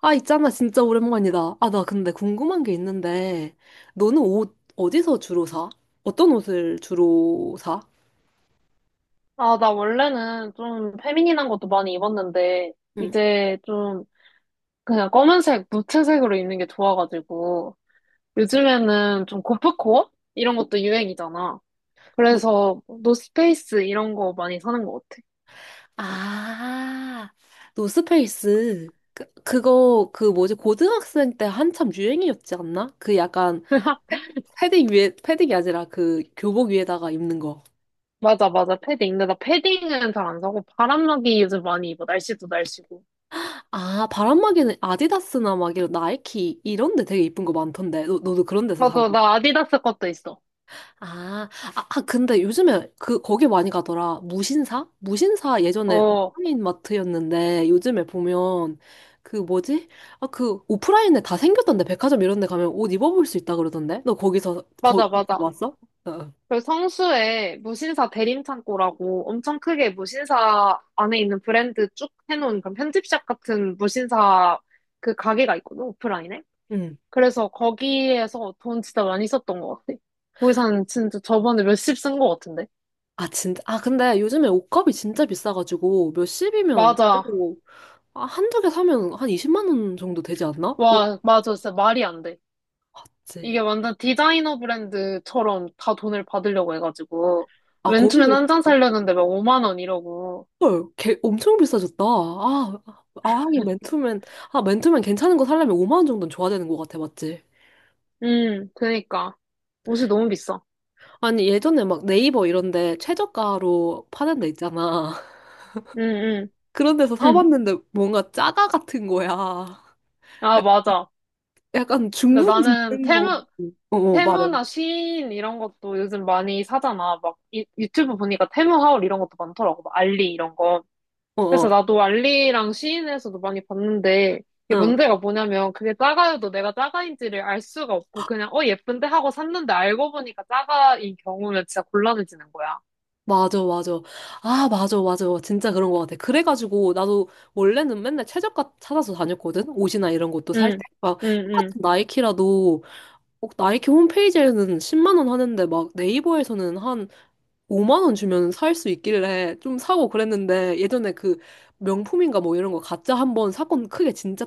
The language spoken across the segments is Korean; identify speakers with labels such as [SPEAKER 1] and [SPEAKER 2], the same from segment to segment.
[SPEAKER 1] 아, 있잖아. 진짜 오랜만이다. 아, 나 근데 궁금한 게 있는데, 너는 옷 어디서 주로 사? 어떤 옷을 주로 사?
[SPEAKER 2] 아, 나 원래는 좀 페미닌한 것도 많이 입었는데,
[SPEAKER 1] 응.
[SPEAKER 2] 이제 좀 그냥 검은색, 무채색으로 입는 게 좋아가지고, 요즘에는 좀 고프코어? 이런 것도 유행이잖아.
[SPEAKER 1] 뭐,
[SPEAKER 2] 그래서 뭐 노스페이스 이런 거 많이 사는 것 같아.
[SPEAKER 1] 아, 노스페이스. 그 뭐지, 고등학생 때 한참 유행이었지 않나? 그 약간, 패- 패딩 위에, 패딩이 아니라 그 교복 위에다가 입는 거.
[SPEAKER 2] 맞아, 맞아, 패딩. 근데 나 패딩은 잘 안 사고, 바람막이 요즘 많이 입어. 날씨도 날씨고.
[SPEAKER 1] 아, 바람막이는 아디다스나 막 이런 나이키 이런 데 되게 이쁜 거 많던데. 너도 그런 데서 사?
[SPEAKER 2] 맞아, 나 아디다스 것도 있어.
[SPEAKER 1] 아, 아, 근데 요즘에 그, 거기 많이 가더라. 무신사? 무신사 예전에
[SPEAKER 2] 어,
[SPEAKER 1] 오프라인 마트였는데 요즘에 보면 그 뭐지? 아, 그 오프라인에 다 생겼던데. 백화점 이런 데 가면 옷 입어볼 수 있다 그러던데. 너
[SPEAKER 2] 맞아,
[SPEAKER 1] 거기서
[SPEAKER 2] 맞아.
[SPEAKER 1] 왔어? 어, 어.
[SPEAKER 2] 그리고 성수에 무신사 대림창고라고 엄청 크게 무신사 안에 있는 브랜드 쭉 해놓은 그런 편집샵 같은 무신사 그 가게가 있거든, 오프라인에.
[SPEAKER 1] 응.
[SPEAKER 2] 그래서 거기에서 돈 진짜 많이 썼던 것 같아. 거기서는 진짜 저번에 몇십 쓴 것 같은데.
[SPEAKER 1] 아, 진짜. 아, 근데 요즘에 옷값이 진짜 비싸가지고 몇십이면
[SPEAKER 2] 맞아.
[SPEAKER 1] 그래도 아, 한두 개 사면 한 20만 원 정도 되지 않나? 오,
[SPEAKER 2] 와, 맞아. 진짜 말이 안 돼. 이게
[SPEAKER 1] 맞지.
[SPEAKER 2] 완전 디자이너 브랜드처럼 다 돈을 받으려고 해가지고.
[SPEAKER 1] 아,
[SPEAKER 2] 맨투맨
[SPEAKER 1] 거기도
[SPEAKER 2] 한 장 사려는데 막 5만 원 이러고.
[SPEAKER 1] 헐, 개, 엄청 비싸졌다. 아, 아, 하긴 맨투맨, 아, 맨투맨 괜찮은 거 사려면 5만 원 정도는 줘야 되는 것 같아, 맞지?
[SPEAKER 2] 그니까. 옷이 너무 비싸.
[SPEAKER 1] 아니, 예전에 막 네이버 이런데 최저가로 파는 데 있잖아.
[SPEAKER 2] 응,
[SPEAKER 1] 그런 데서
[SPEAKER 2] 응.
[SPEAKER 1] 사봤는데 뭔가 짜가 같은 거야.
[SPEAKER 2] 아, 맞아.
[SPEAKER 1] 약간
[SPEAKER 2] 근데
[SPEAKER 1] 중국에서
[SPEAKER 2] 나는
[SPEAKER 1] 쓰는 거.
[SPEAKER 2] 테무,
[SPEAKER 1] 어, 어, 말해.
[SPEAKER 2] 테무나 시인 이런 것도 요즘 많이 사잖아. 막 유튜브 보니까 테무 하울 이런 것도 많더라고. 막 알리 이런 거.
[SPEAKER 1] 어,
[SPEAKER 2] 그래서
[SPEAKER 1] 어,
[SPEAKER 2] 나도 알리랑 시인에서도 많이 봤는데 이게
[SPEAKER 1] 어.
[SPEAKER 2] 문제가 뭐냐면 그게 짜가요도 내가 짜가인지를 알 수가 없고 그냥 어 예쁜데 하고 샀는데 알고 보니까 짜가인 경우는 진짜 곤란해지는 거야.
[SPEAKER 1] 맞아, 맞아. 아, 맞아, 맞아. 진짜 그런 것 같아. 그래가지고, 나도 원래는 맨날 최저가 찾아서 다녔거든? 옷이나 이런 것도 살 때.
[SPEAKER 2] 응,
[SPEAKER 1] 막,
[SPEAKER 2] 응,
[SPEAKER 1] 똑같은 나이키라도, 어, 나이키 홈페이지에는 10만 원 하는데 막 네이버에서는 한 5만 원 주면 살 수 있길래 좀 사고 그랬는데 예전에 그 명품인가 뭐 이런 거 가짜 한 번 사건 크게 진짜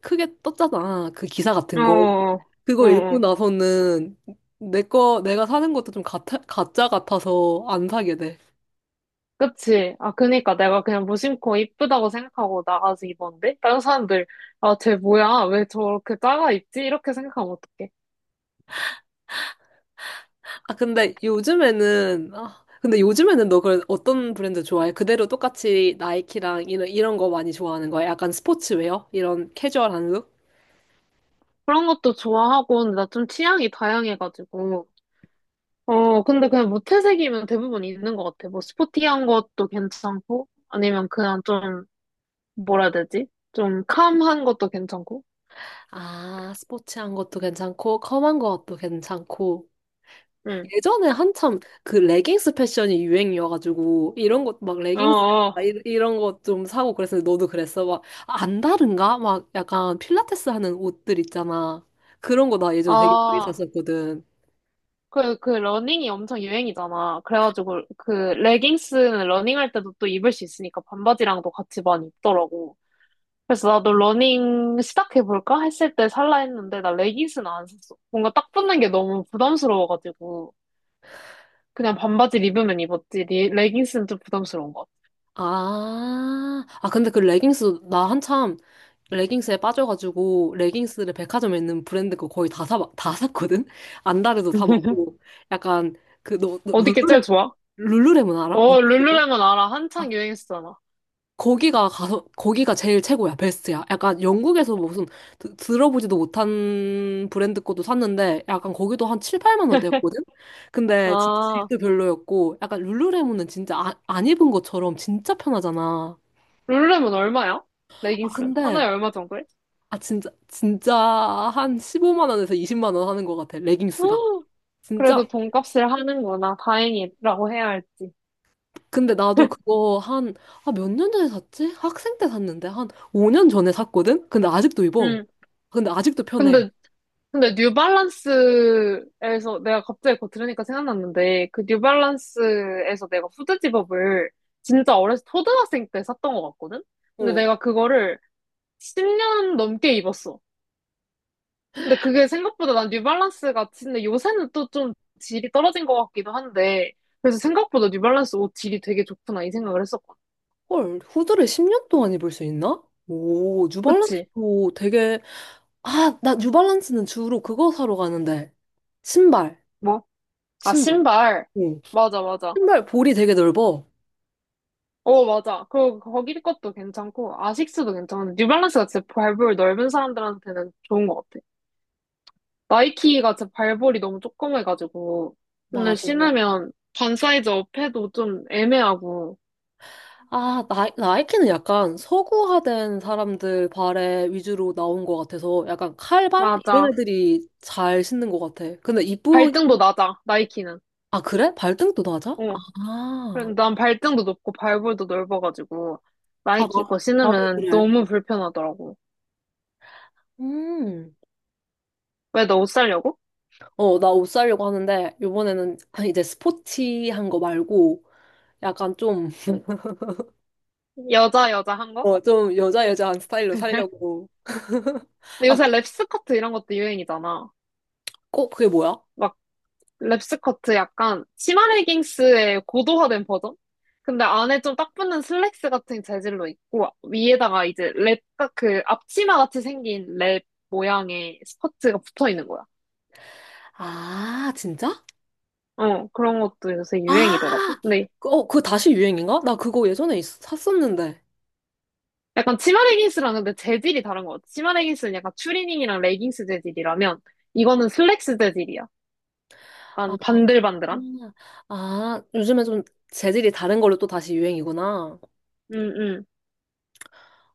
[SPEAKER 1] 크게 떴잖아. 그 기사 같은
[SPEAKER 2] 응. 어,
[SPEAKER 1] 거.
[SPEAKER 2] 어, 어.
[SPEAKER 1] 그거 읽고
[SPEAKER 2] 어.
[SPEAKER 1] 나서는 내가 사는 것도 좀 가짜 같아서 안 사게 돼.
[SPEAKER 2] 그치. 아, 그니까 내가 그냥 무심코 이쁘다고 생각하고 나가서 입었는데? 다른 사람들, 아, 쟤 뭐야? 왜 저렇게 작아 입지? 이렇게 생각하면 어떡해.
[SPEAKER 1] 아, 근데 요즘에는 너 그 어떤 브랜드 좋아해? 그대로 똑같이 나이키랑 이런 거 많이 좋아하는 거야? 약간 스포츠웨어? 이런 캐주얼한 룩?
[SPEAKER 2] 그런 것도 좋아하고, 근데 나 좀 취향이 다양해가지고. 어, 근데 그냥 무채색이면 대부분 있는 것 같아. 뭐, 스포티한 것도 괜찮고, 아니면 그냥 좀, 뭐라 해야 되지? 좀 캄한 것도 괜찮고.
[SPEAKER 1] 아, 스포츠한 것도 괜찮고, 컴한 것도 괜찮고.
[SPEAKER 2] 응.
[SPEAKER 1] 예전에 한참 그 레깅스 패션이 유행이어가지고, 이런 것, 막
[SPEAKER 2] 어,
[SPEAKER 1] 레깅스,
[SPEAKER 2] 어.
[SPEAKER 1] 이런 것 좀 사고 그랬는데, 너도 그랬어? 막, 아, 안 다른가? 막 약간 필라테스 하는 옷들 있잖아. 그런 거 나 예전에 되게 많이
[SPEAKER 2] 아.
[SPEAKER 1] 샀었거든.
[SPEAKER 2] 그 러닝이 엄청 유행이잖아. 그래가지고 그 레깅스는 러닝할 때도 또 입을 수 있으니까 반바지랑도 같이 많이 입더라고. 그래서 나도 러닝 시작해볼까 했을 때 살라 했는데 나 레깅스는 안 샀어. 뭔가 딱 붙는 게 너무 부담스러워가지고 그냥 반바지 입으면 입었지. 레깅스는 좀 부담스러운 것 같아.
[SPEAKER 1] 아, 아, 근데 그 레깅스, 나 한참 레깅스에 빠져가지고, 레깅스를 백화점에 있는 브랜드 거 거의 다 샀거든? 안다르도 사보고, 약간, 그, 너
[SPEAKER 2] 어디 게 제일 좋아?
[SPEAKER 1] 룰루레몬 알아?
[SPEAKER 2] 어,
[SPEAKER 1] 룰루레몬?
[SPEAKER 2] 룰루레몬 알아.
[SPEAKER 1] 아,
[SPEAKER 2] 한창 유행했었잖아.
[SPEAKER 1] 거기가 가서 거기가 제일 최고야, 베스트야. 약간 영국에서 무슨 들어보지도 못한 브랜드 것도 샀는데 약간 거기도 한 7, 8만 원대였거든. 근데 진짜
[SPEAKER 2] 아,
[SPEAKER 1] 질도 별로였고 약간 룰루레몬은 진짜 아, 안 입은 것처럼 진짜 편하잖아.
[SPEAKER 2] 룰루레몬 얼마야?
[SPEAKER 1] 아,
[SPEAKER 2] 레깅스
[SPEAKER 1] 근데
[SPEAKER 2] 하나에 얼마 정도해?
[SPEAKER 1] 아 진짜 진짜 한 15만 원에서 20만 원 하는 것 같아. 레깅스가.
[SPEAKER 2] 그래도
[SPEAKER 1] 진짜
[SPEAKER 2] 돈값을 하는구나. 다행이라고 해야 할지.
[SPEAKER 1] 근데 나도 그거 한, 아, 몇 년 전에 샀지? 학생 때 샀는데 한 5년 전에 샀거든? 근데 아직도 입어.
[SPEAKER 2] 음.
[SPEAKER 1] 근데 아직도 편해.
[SPEAKER 2] 근데, 근데 뉴발란스에서 내가 갑자기 그거 들으니까 생각났는데, 그 뉴발란스에서 내가 후드 집업을 진짜 어렸을 때 초등학생 때 샀던 것 같거든? 근데
[SPEAKER 1] 어.
[SPEAKER 2] 내가 그거를 10년 넘게 입었어. 근데 그게 생각보다 난 뉴발란스가, 근데 요새는 또 좀 질이 떨어진 것 같기도 한데, 그래서 생각보다 뉴발란스 옷 질이 되게 좋구나, 이 생각을 했었거든.
[SPEAKER 1] 헐, 후드를 10년 동안 입을 수 있나? 오,
[SPEAKER 2] 그치?
[SPEAKER 1] 뉴발란스도 되게, 아, 나 뉴발란스는 주로 그거 사러 가는데. 신발,
[SPEAKER 2] 뭐? 아,
[SPEAKER 1] 신발.
[SPEAKER 2] 신발.
[SPEAKER 1] 어.
[SPEAKER 2] 맞아, 맞아.
[SPEAKER 1] 신발 볼이 되게 넓어.
[SPEAKER 2] 어, 맞아. 그리고 거기 것도 괜찮고, 아식스도 괜찮은데, 뉴발란스가 진짜 발볼 넓은 사람들한테는 좋은 것 같아. 나이키가 진짜 발볼이 너무 조그매가지고,
[SPEAKER 1] 맞아.
[SPEAKER 2] 오늘 신으면 반 사이즈 업해도 좀 애매하고,
[SPEAKER 1] 아, 나이키는 약간 서구화된 사람들 발에 위주로 나온 것 같아서 약간 칼발? 이런
[SPEAKER 2] 맞아.
[SPEAKER 1] 애들이 잘 신는 것 같아. 근데 이쁘,
[SPEAKER 2] 발등도 낮아, 나이키는.
[SPEAKER 1] 아, 그래? 발등도 낮아?
[SPEAKER 2] 어.
[SPEAKER 1] 아,
[SPEAKER 2] 그래, 난 발등도 높고 발볼도 넓어가지고,
[SPEAKER 1] 아,
[SPEAKER 2] 나이키 거
[SPEAKER 1] 나도
[SPEAKER 2] 신으면
[SPEAKER 1] 그래.
[SPEAKER 2] 너무 불편하더라고.
[SPEAKER 1] 음.
[SPEAKER 2] 왜 너 옷 살려고?
[SPEAKER 1] 어, 나 옷 사려고 하는데, 요번에는 아, 이제 스포티한 거 말고, 약간 좀,
[SPEAKER 2] 여자, 여자 한 거?
[SPEAKER 1] 어, 좀 여자 여자한 스타일로 사려고.
[SPEAKER 2] 근데
[SPEAKER 1] 아,
[SPEAKER 2] 요새
[SPEAKER 1] 그,
[SPEAKER 2] 랩 스커트 이런 것도 유행이잖아.
[SPEAKER 1] 어, 그게 뭐야?
[SPEAKER 2] 막 랩스커트 약간 치마 레깅스의 고도화된 버전? 근데 안에 좀 딱 붙는 슬랙스 같은 재질로 있고 위에다가 이제 랩, 딱 그 앞치마 같이 생긴 랩 모양의 스커트가 붙어 있는 거야.
[SPEAKER 1] 아, 진짜?
[SPEAKER 2] 어, 그런 것도 요새
[SPEAKER 1] 아,
[SPEAKER 2] 유행이더라고. 근데
[SPEAKER 1] 그, 어, 그거 다시 유행인가? 나 그거 예전에 샀었는데.
[SPEAKER 2] 약간 치마 레깅스랑 근데 재질이 다른 것 같아. 치마 레깅스는 약간 추리닝이랑 레깅스 재질이라면 이거는 슬랙스 재질이야.
[SPEAKER 1] 아,
[SPEAKER 2] 약간 반들반들한?
[SPEAKER 1] 음. 아, 요즘에 좀 재질이 다른 걸로 또 다시 유행이구나.
[SPEAKER 2] 응, 응,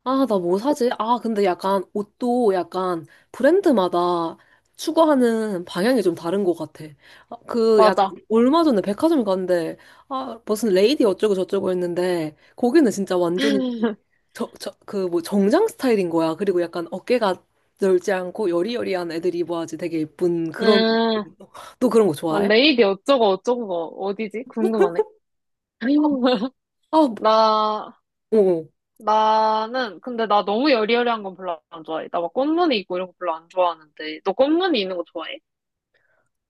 [SPEAKER 1] 아, 나 뭐 사지? 아, 근데 약간 옷도 약간 브랜드마다 추구하는 방향이 좀 다른 것 같아. 아, 그 약간
[SPEAKER 2] 맞아.
[SPEAKER 1] 얼마 전에 백화점 갔는데, 아, 무슨 레이디 어쩌고 저쩌고 했는데, 거기는 진짜 완전히 그 뭐 정장 스타일인 거야. 그리고 약간 어깨가 넓지 않고 여리여리한 애들이 입어야지 되게 예쁜 그런,
[SPEAKER 2] 음,
[SPEAKER 1] 너 그런 거
[SPEAKER 2] 아,
[SPEAKER 1] 좋아해?
[SPEAKER 2] 레이디 어쩌고 어쩌고가 어디지?
[SPEAKER 1] 아,
[SPEAKER 2] 궁금하네.
[SPEAKER 1] 아, 뭐,
[SPEAKER 2] 나,
[SPEAKER 1] 어. 어.
[SPEAKER 2] 나는, 근데 나 너무 여리여리한 건 별로 안 좋아해. 나 막 꽃무늬 있고 이런 거 별로 안 좋아하는데. 너 꽃무늬 있는 거 좋아해?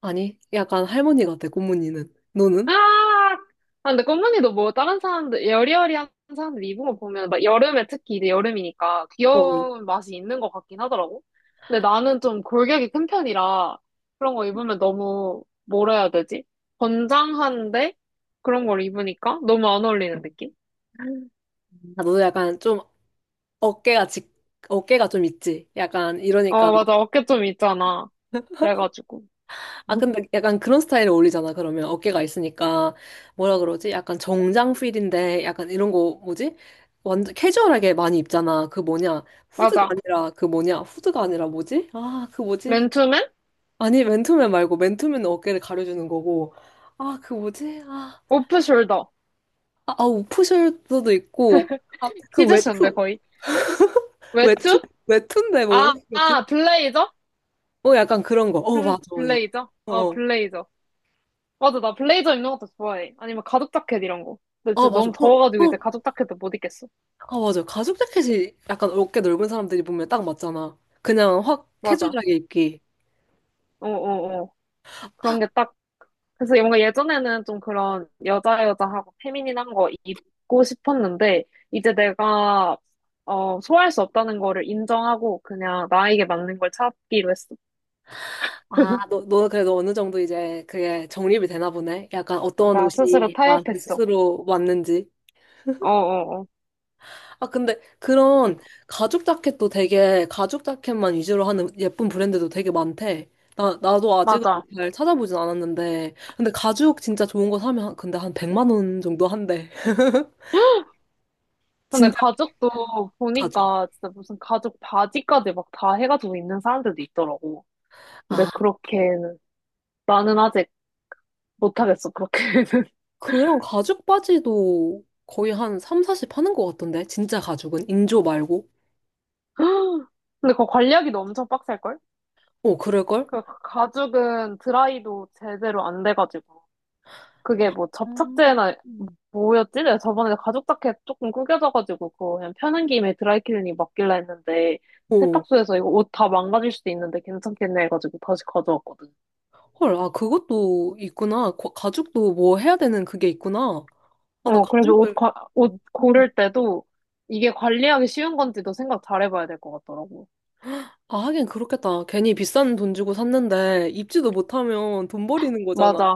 [SPEAKER 1] 아니, 약간 할머니 같아, 고모늬는 너는?
[SPEAKER 2] 아! 아, 근데 꽃무늬도 뭐 다른 사람들, 여리여리한 사람들 입은 거 보면 막 여름에 특히 이제 여름이니까
[SPEAKER 1] 어. 어.
[SPEAKER 2] 귀여운 맛이 있는 것 같긴 하더라고. 근데 나는 좀 골격이 큰 편이라 그런 거 입으면 너무, 뭐라 해야 되지? 건장한데? 그런 걸 입으니까 너무 안 어울리는 느낌?
[SPEAKER 1] 아, 너도 약간 좀 어깨가 직, 어깨가 좀 있지. 약간 이러니까.
[SPEAKER 2] 어, 맞아. 어깨 좀 있잖아. 그래가지고.
[SPEAKER 1] 아, 근데 약간 그런 스타일에 어울리잖아, 그러면. 어깨가 있으니까. 뭐라 그러지? 약간 정장 필인데, 약간 이런 거, 뭐지? 완전 캐주얼하게 많이 입잖아. 그 뭐냐. 후드가
[SPEAKER 2] 맞아.
[SPEAKER 1] 아니라, 그 뭐냐. 후드가 아니라 뭐지? 아, 그 뭐지?
[SPEAKER 2] 맨투맨?
[SPEAKER 1] 아니, 맨투맨 말고, 맨투맨은 어깨를 가려주는 거고. 아, 그 뭐지?
[SPEAKER 2] 오프숄더.
[SPEAKER 1] 아, 우프숄더도 있고. 아, 그
[SPEAKER 2] 키즈쇼인데,
[SPEAKER 1] 외투,
[SPEAKER 2] 거의.
[SPEAKER 1] 웹툰,
[SPEAKER 2] 외투?
[SPEAKER 1] 웹툰데
[SPEAKER 2] 아,
[SPEAKER 1] 뭐라고 거지
[SPEAKER 2] 아, 블레이저?
[SPEAKER 1] 어, 약간 그런 거. 어,
[SPEAKER 2] 블,
[SPEAKER 1] 맞아, 맞아.
[SPEAKER 2] 블레이저?
[SPEAKER 1] 어,
[SPEAKER 2] 어,
[SPEAKER 1] 어.
[SPEAKER 2] 블레이저. 맞아, 나 블레이저 입는 것도 좋아해. 아니면 가죽 자켓 이런 거. 근데
[SPEAKER 1] 아,
[SPEAKER 2] 지금
[SPEAKER 1] 맞아.
[SPEAKER 2] 너무
[SPEAKER 1] 어,
[SPEAKER 2] 더워가지고 이제
[SPEAKER 1] 어,
[SPEAKER 2] 가죽 자켓도 못 입겠어.
[SPEAKER 1] 아, 맞아. 가죽 자켓이 약간 어깨 넓은 사람들이 보면 딱 맞잖아. 그냥 확
[SPEAKER 2] 맞아.
[SPEAKER 1] 캐주얼하게 입기.
[SPEAKER 2] 어, 어, 어. 그런 게 딱. 그래서 뭔가 예전에는 좀 그런 여자 여자하고 페미닌한 거 입고 싶었는데, 이제 내가, 어, 소화할 수 없다는 거를 인정하고 그냥 나에게 맞는 걸 찾기로 했어.
[SPEAKER 1] 너 그래도 어느 정도 이제 그게 정립이 되나 보네. 약간 어떤
[SPEAKER 2] 나 스스로
[SPEAKER 1] 옷이 나한테
[SPEAKER 2] 타협했어.
[SPEAKER 1] 스스로 맞는지.
[SPEAKER 2] 어어어.
[SPEAKER 1] 아, 근데 그런 가죽 자켓도 되게 가죽 자켓만 위주로 하는 예쁜 브랜드도 되게 많대. 나도 아직은
[SPEAKER 2] 맞아.
[SPEAKER 1] 잘 찾아보진 않았는데. 근데 가죽 진짜 좋은 거 사면 근데 한 100만 원 정도 한대.
[SPEAKER 2] 근데
[SPEAKER 1] 진짜
[SPEAKER 2] 가죽도
[SPEAKER 1] 가죽.
[SPEAKER 2] 보니까 진짜 무슨 가죽 바지까지 막 다 해가지고 입는 사람들도 있더라고. 근데
[SPEAKER 1] 아,
[SPEAKER 2] 그렇게는 나는 아직 못하겠어, 그렇게는.
[SPEAKER 1] 그런 가죽 바지도 거의 한 3, 40 하는 것 같던데. 진짜 가죽은. 인조 말고.
[SPEAKER 2] 근데 그거 관리하기도 엄청 빡셀걸?
[SPEAKER 1] 어, 그럴걸?
[SPEAKER 2] 그 가죽은 드라이도 제대로 안 돼가지고. 그게 뭐 접착제나
[SPEAKER 1] 음.
[SPEAKER 2] 뭐였지? 내가 저번에 가죽 자켓 조금 구겨져가지고 그거 그냥 펴는 김에 드라이클리닝 맡길라 했는데
[SPEAKER 1] 오,
[SPEAKER 2] 세탁소에서 이거 옷 다 망가질 수도 있는데 괜찮겠네 해가지고 다시 가져왔거든.
[SPEAKER 1] 헐, 아, 그것도 있구나. 가죽도 뭐 해야 되는 그게 있구나. 아, 나
[SPEAKER 2] 어, 그래서
[SPEAKER 1] 가죽을,
[SPEAKER 2] 옷
[SPEAKER 1] 음.
[SPEAKER 2] 고를 때도 이게 관리하기 쉬운 건지도 생각 잘 해봐야 될 것 같더라고.
[SPEAKER 1] 아, 하긴 그렇겠다. 괜히 비싼 돈 주고 샀는데 입지도 못하면 돈 버리는 거잖아.
[SPEAKER 2] 맞아,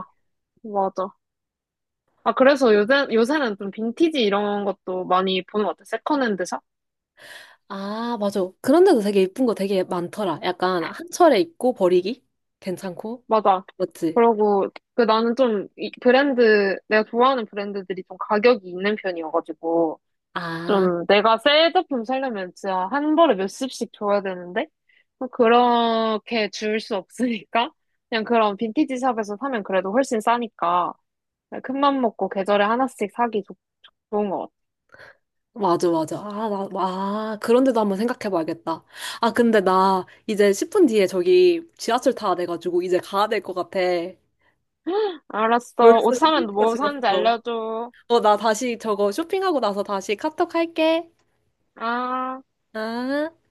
[SPEAKER 2] 맞아. 아, 그래서 요새는 좀 빈티지 이런 것도 많이 보는 것 같아. 세컨핸드 샵?
[SPEAKER 1] 아, 맞아. 그런데도 되게 예쁜 거 되게 많더라. 약간 한 철에 입고 버리기? 괜찮고?
[SPEAKER 2] 맞아.
[SPEAKER 1] 맞지?
[SPEAKER 2] 그러고, 그 나는 좀 이 브랜드, 내가 좋아하는 브랜드들이 좀 가격이 있는 편이어가지고,
[SPEAKER 1] 아,
[SPEAKER 2] 좀 내가 새 제품 사려면 진짜 한 벌에 몇십씩 줘야 되는데, 뭐 그렇게 줄 수 없으니까, 그냥 그런 빈티지 샵에서 사면 그래도 훨씬 싸니까, 네, 큰맘 먹고 계절에 하나씩 사기 좋은 것 같아.
[SPEAKER 1] 맞아, 맞아. 아, 나, 아, 그런데도 한번 생각해 봐야겠다. 아, 근데 나 이제 10분 뒤에 저기 지하철 타야 돼가지고 이제 가야 될 것 같아.
[SPEAKER 2] 알았어. 옷
[SPEAKER 1] 벌써
[SPEAKER 2] 사면
[SPEAKER 1] 10분이나
[SPEAKER 2] 뭐 사는지
[SPEAKER 1] 지났어.
[SPEAKER 2] 알려줘.
[SPEAKER 1] 어, 나 다시 저거 쇼핑하고 나서 다시 카톡 할게.
[SPEAKER 2] 아.
[SPEAKER 1] 아.